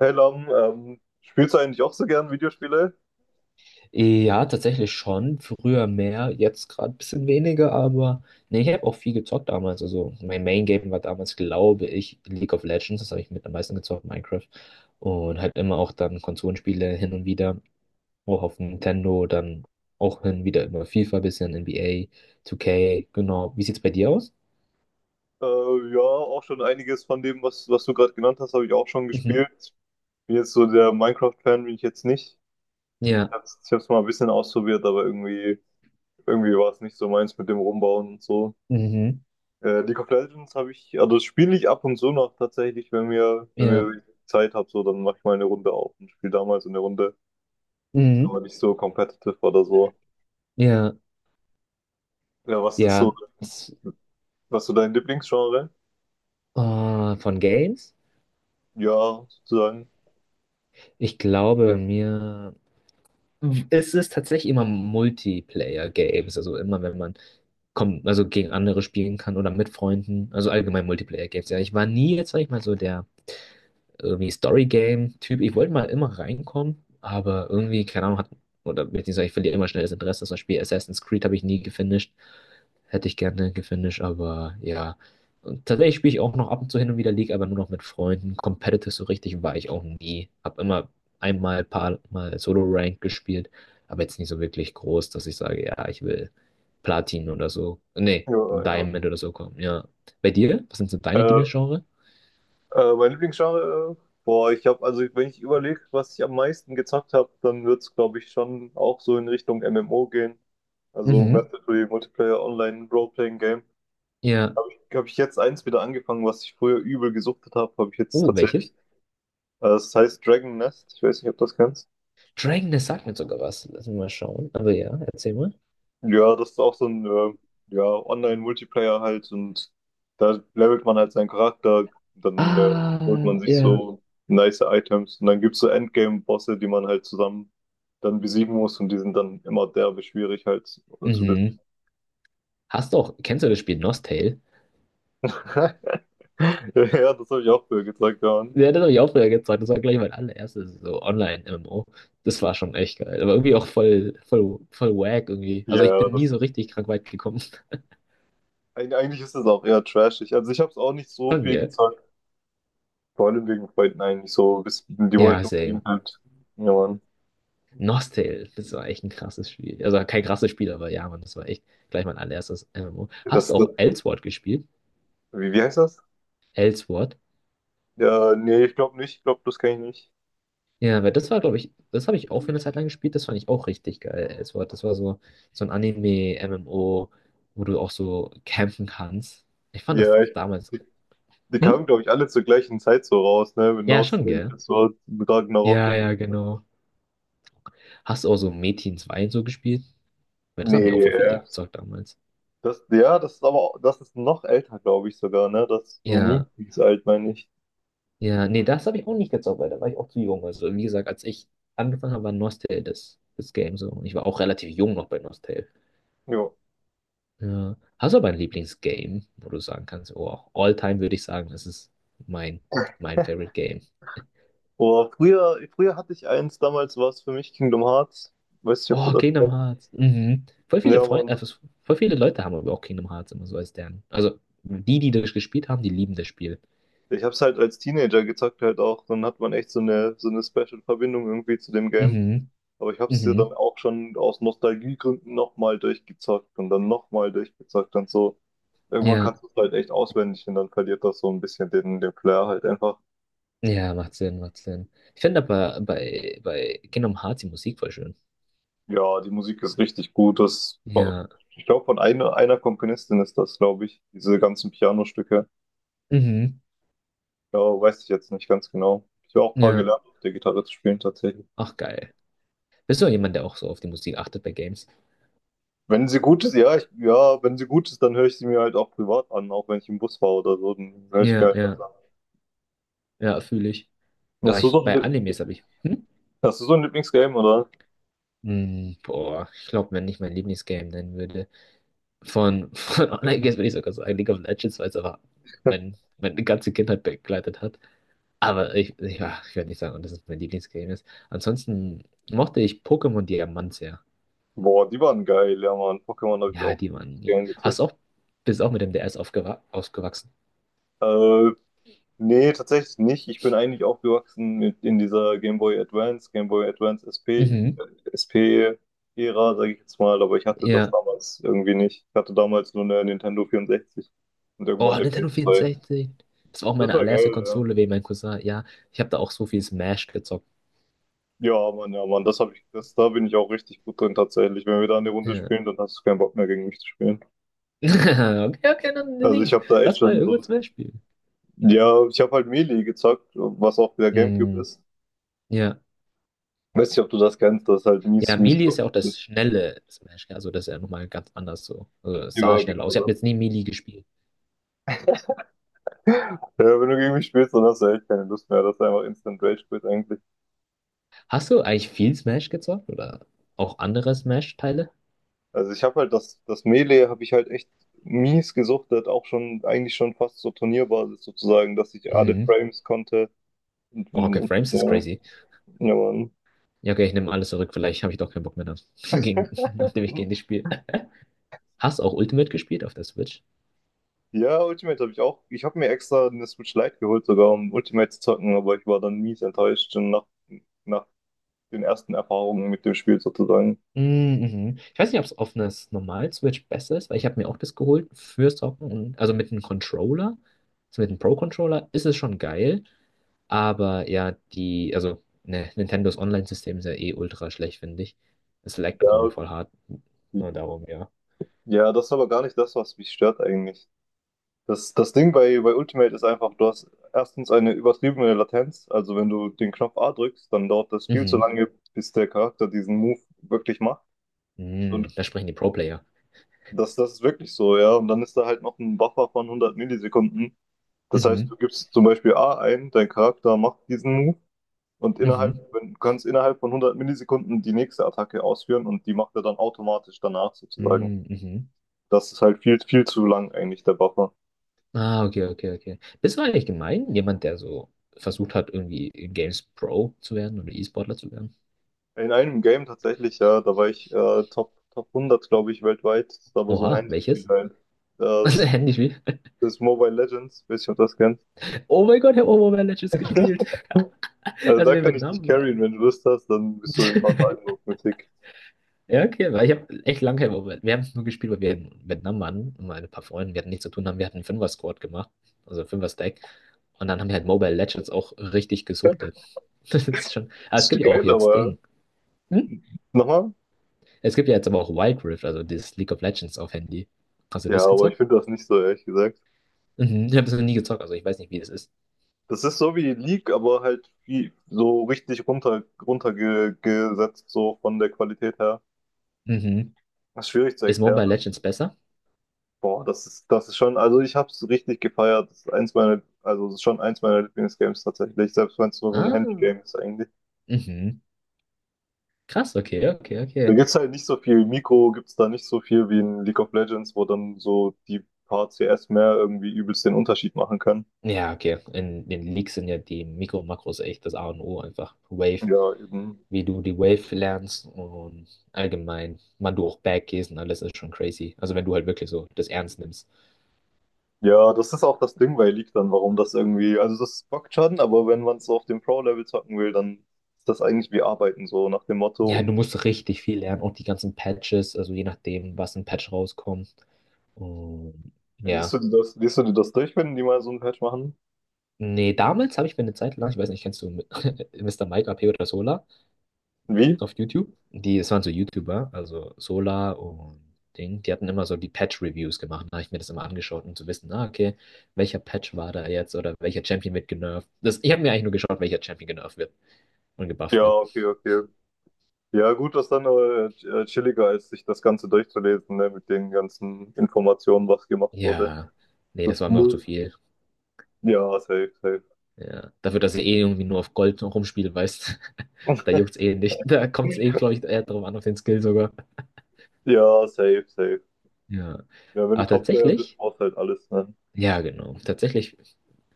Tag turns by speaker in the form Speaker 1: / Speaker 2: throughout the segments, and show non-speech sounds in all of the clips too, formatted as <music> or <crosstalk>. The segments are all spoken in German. Speaker 1: Hey Lam, spielst du eigentlich auch so gern Videospiele?
Speaker 2: Ja, tatsächlich schon. Früher mehr, jetzt gerade ein bisschen weniger, aber nee, ich habe auch viel gezockt damals. Also mein Main Game war damals, glaube ich, League of Legends. Das habe ich mit am meisten gezockt, Minecraft. Und halt immer auch dann Konsolenspiele hin und wieder. Auch auf Nintendo, dann auch hin und wieder immer FIFA, bisschen NBA, 2K, genau. Wie sieht's bei dir aus?
Speaker 1: Äh, ja, auch schon einiges von dem, was du gerade genannt hast, habe ich auch schon
Speaker 2: Mhm.
Speaker 1: gespielt. Bin jetzt so der Minecraft-Fan, bin ich jetzt nicht. Ich
Speaker 2: Ja.
Speaker 1: hab's, ich hab's mal ein bisschen ausprobiert, aber irgendwie war es nicht so meins mit dem Rumbauen und so.
Speaker 2: Mhm.
Speaker 1: League of Legends habe ich, also das spiele ich ab und zu noch tatsächlich, wenn mir, wenn
Speaker 2: Ja.
Speaker 1: mir Zeit habe, so, dann mache ich mal eine Runde auf und spiele damals eine Runde,
Speaker 2: Mhm.
Speaker 1: aber nicht so competitive oder so.
Speaker 2: Ja.
Speaker 1: Ja,
Speaker 2: Ja. S-
Speaker 1: was ist so dein Lieblingsgenre?
Speaker 2: äh, von Games?
Speaker 1: Ja, sozusagen.
Speaker 2: Ich glaube bei mir. Es ist tatsächlich immer Multiplayer-Games, also immer wenn man kommt, also gegen andere spielen kann oder mit Freunden, also allgemein Multiplayer-Games. Ja, ich war nie jetzt, sag ich mal, so der irgendwie Story-Game-Typ. Ich wollte mal immer reinkommen, aber irgendwie, keine Ahnung, hat, oder beziehungsweise ich verliere immer schnell das Interesse. Zum Beispiel Assassin's Creed habe ich nie gefinisht. Hätte ich gerne gefinisht, aber ja. Und tatsächlich spiele ich auch noch ab und zu hin und wieder League, aber nur noch mit Freunden. Competitive so richtig war ich auch nie. Habe immer einmal, paar Mal Solo-Rank gespielt, aber jetzt nicht so wirklich groß, dass ich sage, ja, ich will Platin oder so. Nee,
Speaker 1: Ja, ja,
Speaker 2: Diamond oder so kommen, ja. Bei dir? Was sind so
Speaker 1: Äh,
Speaker 2: deine Lieblingsgenre?
Speaker 1: Mein Lieblingsgenre? Boah, ich habe, also wenn ich überlege, was ich am meisten gezockt habe, dann wird's glaube ich, schon auch so in Richtung MMO gehen. Also
Speaker 2: Mhm.
Speaker 1: Massively Multiplayer Online Role-Playing Game.
Speaker 2: Ja.
Speaker 1: Habe ich jetzt eins wieder angefangen, was ich früher übel gesuchtet habe, habe ich jetzt
Speaker 2: Oh,
Speaker 1: tatsächlich.
Speaker 2: welches?
Speaker 1: Es heißt Dragon Nest. Ich weiß nicht, ob du das kennst.
Speaker 2: Dragon, das sagt mir sogar was. Lass mich mal schauen. Aber ja, erzähl mal.
Speaker 1: Ja, das ist auch so ein ja, Online-Multiplayer halt und da levelt man halt seinen Charakter, dann holt man
Speaker 2: Ah,
Speaker 1: sich
Speaker 2: ja.
Speaker 1: so nice Items und dann gibt's so Endgame-Bosse, die man halt zusammen dann besiegen muss und die sind dann immer derbe schwierig halt zu besiegen.
Speaker 2: Mhm. Hast du auch, kennst du das Spiel Nostale?
Speaker 1: <laughs> Ja, das habe ich auch früher gezeigt, ja.
Speaker 2: Ja, das habe ich auch früher gezeigt. Das war gleich mein allererstes so Online-MMO. Das war schon echt geil. Aber irgendwie auch voll, voll, voll wack irgendwie. Also ich
Speaker 1: Ja,
Speaker 2: bin nie
Speaker 1: das,
Speaker 2: so richtig krank weit gekommen.
Speaker 1: eigentlich ist es auch eher trashig. Also ich habe es auch nicht
Speaker 2: <laughs>
Speaker 1: so
Speaker 2: Schon,
Speaker 1: viel
Speaker 2: gell?
Speaker 1: gezockt, vor allem wegen Freunden eigentlich so. Die
Speaker 2: Ja,
Speaker 1: wollten
Speaker 2: same.
Speaker 1: unbedingt halt, ja Mann,
Speaker 2: Nostale, das war echt ein krasses Spiel. Also kein krasses Spiel, aber ja, Mann, das war echt gleich mein allererstes MMO. Hast
Speaker 1: das,
Speaker 2: du
Speaker 1: das,
Speaker 2: auch Elsword gespielt?
Speaker 1: wie heißt das?
Speaker 2: Elsword?
Speaker 1: Ja, nee, ich glaube nicht. Ich glaube, das kenne ich nicht.
Speaker 2: Ja, weil das war, glaube ich, das habe ich auch für eine Zeit lang gespielt, das fand ich auch richtig geil. Das war so, ein Anime-MMO, wo du auch so campen kannst. Ich fand das
Speaker 1: Ja, ich,
Speaker 2: damals.
Speaker 1: die, die
Speaker 2: Hm?
Speaker 1: kamen, glaube ich, alle zur gleichen Zeit so raus, ne? Mit
Speaker 2: Ja, schon,
Speaker 1: Nostalgia,
Speaker 2: gell?
Speaker 1: das war mit Ragnarok
Speaker 2: Ja,
Speaker 1: und.
Speaker 2: ja, genau. Hast du auch so Metin 2 und so gespielt? Weil das haben ja auch
Speaker 1: Nee,
Speaker 2: voll viele gezockt damals.
Speaker 1: das, ja, das ist aber, das ist noch älter, glaube ich sogar, ne? Das ist so mies
Speaker 2: Ja,
Speaker 1: alt, meine ich.
Speaker 2: ja, nee, das habe ich auch nicht gezockt, weil da war ich auch zu jung. Also, wie gesagt, als ich angefangen habe, war Nostale das, Game so. Und ich war auch relativ jung noch bei Nostale.
Speaker 1: Ja.
Speaker 2: Ja. Hast du aber ein Lieblingsgame, wo du sagen kannst, oh, auch All-Time würde ich sagen, das ist mein, mein Favorite Game.
Speaker 1: Oder früher hatte ich eins, damals war es für mich Kingdom Hearts. Weiß nicht, ob du
Speaker 2: Oh,
Speaker 1: das
Speaker 2: Kingdom
Speaker 1: kennst.
Speaker 2: Hearts. Mhm.
Speaker 1: Ja, Mann.
Speaker 2: Voll viele Leute haben aber auch Kingdom Hearts immer so als deren. Also die, die das gespielt haben, die lieben das Spiel.
Speaker 1: Ich hab's halt als Teenager gezockt halt auch. Dann hat man echt so eine Special Verbindung irgendwie zu dem Game.
Speaker 2: Mhm.
Speaker 1: Aber ich habe es dir dann
Speaker 2: Mhm.
Speaker 1: auch schon aus Nostalgiegründen nochmal durchgezockt und dann nochmal durchgezockt und so. Irgendwann
Speaker 2: Ja.
Speaker 1: kannst du es halt echt auswendig und dann verliert das so ein bisschen den Flair halt einfach.
Speaker 2: Ja, macht Sinn, macht Sinn. Ich finde aber bei Kingdom Hearts die Musik voll schön.
Speaker 1: Ja, die Musik ist richtig gut. Das,
Speaker 2: Ja.
Speaker 1: ich glaube, von einer Komponistin ist das, glaube ich, diese ganzen Pianostücke.
Speaker 2: Mhm.
Speaker 1: Ja, weiß ich jetzt nicht ganz genau. Ich habe auch ein paar
Speaker 2: Ja.
Speaker 1: gelernt, auf der Gitarre zu spielen tatsächlich.
Speaker 2: Ach, geil. Bist du jemand, der auch so auf die Musik achtet bei Games?
Speaker 1: Wenn sie gut ist, ja, wenn sie gut ist, dann höre ich sie mir halt auch privat an, auch wenn ich im Bus war oder so, dann höre ich mir
Speaker 2: Ja,
Speaker 1: halt was
Speaker 2: ja.
Speaker 1: an.
Speaker 2: Ja, fühle ich. Ah,
Speaker 1: Hast du
Speaker 2: ich,
Speaker 1: so ein,
Speaker 2: bei
Speaker 1: Lie-
Speaker 2: Animes habe ich. Hm?
Speaker 1: Hast du so ein Lieblingsgame, oder?
Speaker 2: Hm, boah, ich glaube, wenn ich mein Lieblingsgame nennen würde. Von, <laughs> von Online-Games würde ich sogar sagen League of Legends, weil es aber meine ganze Kindheit begleitet hat. Aber ich, ja, ich werde nicht sagen, dass es mein Lieblingsgame ist. Ansonsten mochte ich Pokémon Diamant sehr.
Speaker 1: Boah, die waren geil, ja Mann. Pokémon habe ich
Speaker 2: Ja,
Speaker 1: auch
Speaker 2: die waren.
Speaker 1: richtig
Speaker 2: Ja.
Speaker 1: gern gezeigt.
Speaker 2: Hast auch, bist auch mit dem DS aufgewa ausgewachsen.
Speaker 1: Äh, Nee, tatsächlich nicht. Ich bin eigentlich aufgewachsen mit in dieser Game Boy Advance, Game Boy Advance SP,
Speaker 2: Mhm.
Speaker 1: SP-Ära, sage ich jetzt mal, aber ich hatte das
Speaker 2: Ja.
Speaker 1: damals irgendwie nicht. Ich hatte damals nur eine Nintendo 64 und
Speaker 2: Oh,
Speaker 1: irgendwann eine
Speaker 2: Nintendo
Speaker 1: PS2.
Speaker 2: 64. Das war auch
Speaker 1: Das
Speaker 2: meine
Speaker 1: war
Speaker 2: allererste
Speaker 1: geil, ja.
Speaker 2: Konsole wegen meinem Cousin. Ja, ich habe da auch so viel Smash gezockt.
Speaker 1: Ja, Mann, das habe ich, das, da bin ich auch richtig gut drin tatsächlich. Wenn wir da eine Runde
Speaker 2: Ja.
Speaker 1: spielen, dann hast du keinen Bock mehr gegen mich zu spielen.
Speaker 2: <laughs> Okay, okay, dann
Speaker 1: Also ich
Speaker 2: sing.
Speaker 1: habe da echt
Speaker 2: Lass mal
Speaker 1: schon
Speaker 2: irgendwann
Speaker 1: so.
Speaker 2: Smash spielen.
Speaker 1: Ja, ich habe halt Melee gezockt, was auch der Gamecube
Speaker 2: Mm,
Speaker 1: ist.
Speaker 2: ja.
Speaker 1: Weiß nicht, ob du das kennst, das ist halt mies,
Speaker 2: Ja,
Speaker 1: mies.
Speaker 2: Melee ist ja auch das schnelle Smash, gell? Also das ist ja nochmal ganz anders so. Also, es sah
Speaker 1: Ja,
Speaker 2: schnell
Speaker 1: genau
Speaker 2: aus. Ich habe jetzt
Speaker 1: das.
Speaker 2: nie Melee gespielt.
Speaker 1: Ja, wenn du gegen mich spielst, dann hast du echt keine Lust mehr. Das ist einfach Instant Rage Quit eigentlich.
Speaker 2: Hast du eigentlich viel Smash gezockt oder auch andere Smash-Teile?
Speaker 1: Also ich habe halt das, das Melee habe ich halt echt mies gesuchtet, auch schon, eigentlich schon fast so Turnierbasis sozusagen, dass ich alle
Speaker 2: Mhm.
Speaker 1: Frames konnte.
Speaker 2: Oh, okay,
Speaker 1: Und,
Speaker 2: Frames ist
Speaker 1: ja,
Speaker 2: crazy.
Speaker 1: ja, Mann.
Speaker 2: Ja, okay, ich nehme alles zurück. Vielleicht habe ich doch keinen Bock mehr, dann, <laughs> gegen, nachdem ich gegen dich spiele. Hast du auch Ultimate gespielt auf der Switch?
Speaker 1: Ja, Ultimate habe ich auch. Ich habe mir extra eine Switch Lite geholt sogar, um Ultimate zu zocken, aber ich war dann mies enttäuscht schon nach den ersten Erfahrungen mit dem Spiel sozusagen.
Speaker 2: Mm, mhm. Ich weiß nicht, ob es auf einer normalen Switch besser ist, weil ich habe mir auch das geholt für Socken und also mit einem Controller, also mit einem Pro-Controller ist es schon geil, aber ja, also ne, Nintendos Online-System ist ja eh ultra schlecht, finde ich. Es laggt auch
Speaker 1: Ja,
Speaker 2: irgendwie voll hart. Nur darum, ja.
Speaker 1: ja, das ist aber gar nicht das, was mich stört eigentlich. Das Ding bei Ultimate ist einfach, du hast erstens eine übertriebene Latenz. Also wenn du den Knopf A drückst, dann dauert das viel zu
Speaker 2: Mhm.
Speaker 1: lange, bis der Charakter diesen Move wirklich macht.
Speaker 2: Mhm.
Speaker 1: Und
Speaker 2: Da sprechen die Pro-Player.
Speaker 1: das ist wirklich so, ja. Und dann ist da halt noch ein Buffer von 100 Millisekunden. Das heißt, du
Speaker 2: Mhm.
Speaker 1: gibst zum Beispiel A ein, dein Charakter macht diesen Move und innerhalb,
Speaker 2: Mhm.
Speaker 1: wenn- du kannst innerhalb von 100 Millisekunden die nächste Attacke ausführen und die macht er dann automatisch danach sozusagen.
Speaker 2: Mhm. Mhm.
Speaker 1: Das ist halt viel zu lang eigentlich, der Buffer.
Speaker 2: Ah, okay, okay, okay. Bist du eigentlich gemein? Jemand, der so versucht hat, irgendwie Games Pro zu werden oder E-Sportler zu werden?
Speaker 1: In einem Game tatsächlich, ja, da war ich Top 100, glaube ich, weltweit. Das war aber so ein
Speaker 2: Oha,
Speaker 1: Handyspiel
Speaker 2: welches?
Speaker 1: halt. Das,
Speaker 2: <laughs> Handyspiel?
Speaker 1: das ist Mobile Legends, weiß nicht, ob das kennt.
Speaker 2: Oh mein Gott, ich habe Overwatch jetzt gespielt.
Speaker 1: <laughs>
Speaker 2: <laughs>
Speaker 1: Also
Speaker 2: Als
Speaker 1: da
Speaker 2: wir in
Speaker 1: kann ich dich
Speaker 2: Vietnam waren.
Speaker 1: carryen, wenn du Lust hast, dann bist du in ein paar Tagen
Speaker 2: <laughs>
Speaker 1: auf Mythic.
Speaker 2: Ja, okay, weil ich habe echt lange kein Overwatch. Wir haben es nur gespielt, weil wir in Vietnam waren. Und meine paar Freunde, wir hatten nichts zu tun haben. Wir hatten einen Fünfer-Squad gemacht. Also Fünfer-Stack. Und dann haben wir halt Mobile Legends auch richtig gesuchtet. <laughs> Das ist schon. Aber es
Speaker 1: Ist
Speaker 2: gibt ja auch
Speaker 1: geil,
Speaker 2: jetzt
Speaker 1: aber ja.
Speaker 2: Ding. Hm?
Speaker 1: Nochmal?
Speaker 2: Es gibt ja jetzt aber auch Wild Rift, also dieses League of Legends auf Handy. Hast du
Speaker 1: Ja,
Speaker 2: das
Speaker 1: aber ich
Speaker 2: gezockt?
Speaker 1: finde das nicht so, ehrlich gesagt.
Speaker 2: Mhm. Ich habe es noch nie gezockt, also ich weiß nicht, wie das ist.
Speaker 1: Das ist so wie League, aber halt wie so richtig runtergesetzt, so von der Qualität her.
Speaker 2: Mhm.
Speaker 1: Das ist schwierig zu
Speaker 2: Ist
Speaker 1: erklären.
Speaker 2: Mobile Legends besser?
Speaker 1: Boah, das ist schon, also ich hab's richtig gefeiert. Das ist also es ist schon eins meiner Lieblingsgames tatsächlich, selbst wenn es nur so ein
Speaker 2: Ah.
Speaker 1: Handygame ist eigentlich.
Speaker 2: Mhm. Krass, okay, okay,
Speaker 1: Da
Speaker 2: okay.
Speaker 1: gibt's halt nicht so viel Mikro, gibt's da nicht so viel wie in League of Legends, wo dann so die paar CS mehr irgendwie übelst den Unterschied machen können.
Speaker 2: Ja, okay. In den Leaks sind ja die Mikro- und Makros echt das A und O einfach. Wave,
Speaker 1: Ja, eben.
Speaker 2: wie du die Wave lernst und allgemein, wann du auch Back gehst und alles ist schon crazy. Also wenn du halt wirklich so das ernst nimmst.
Speaker 1: Ja, das ist auch das Ding bei League dann, warum das irgendwie, also das bockt schon, aber wenn man es so auf dem Pro-Level zocken will, dann ist das eigentlich wie Arbeiten, so nach dem Motto.
Speaker 2: Ja,
Speaker 1: Und
Speaker 2: du musst richtig viel lernen, auch die ganzen Patches, also je nachdem, was ein Patch rauskommt. Und ja.
Speaker 1: liest du dir das durch, wenn die mal so ein Patch machen?
Speaker 2: Nee, damals habe ich mir eine Zeit lang, ich weiß nicht, kennst du, <laughs> Mister Mike AP oder Solar
Speaker 1: Wie?
Speaker 2: auf YouTube? Es waren so YouTuber, also Sola und Ding, die hatten immer so die Patch-Reviews gemacht. Da habe ich mir das immer angeschaut, um zu wissen, ah, okay, welcher Patch war da jetzt oder welcher Champion wird genervt. Ich habe mir eigentlich nur geschaut, welcher Champion genervt wird und gebufft
Speaker 1: Ja,
Speaker 2: wird.
Speaker 1: okay, okay. Ja, gut, das ist dann chilliger, als sich das Ganze durchzulesen, ne, mit den ganzen Informationen, was gemacht wurde.
Speaker 2: Ja, nee,
Speaker 1: So,
Speaker 2: das war mir auch zu
Speaker 1: null-
Speaker 2: viel.
Speaker 1: Ja, safe, safe.
Speaker 2: Ja, dafür, dass ich eh irgendwie nur auf Gold rumspiele, weißt, <laughs> da juckt's
Speaker 1: <laughs>
Speaker 2: eh nicht. Da kommt's eh, glaube ich, eher drauf an, auf den Skill sogar.
Speaker 1: Ja, safe, safe.
Speaker 2: Ja.
Speaker 1: Ja, wenn du
Speaker 2: Ach,
Speaker 1: Top-Player bist,
Speaker 2: tatsächlich?
Speaker 1: brauchst du halt alles, ne?
Speaker 2: Ja, genau. Tatsächlich.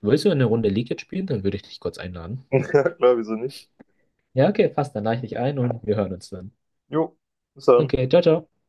Speaker 2: Willst du eine Runde League jetzt spielen? Dann würde ich dich kurz einladen.
Speaker 1: <laughs> Ja, klar, wieso nicht?
Speaker 2: Ja, okay, passt. Dann lade ich dich ein und wir hören uns dann.
Speaker 1: Jo, bis dann.
Speaker 2: Okay, ciao, ciao.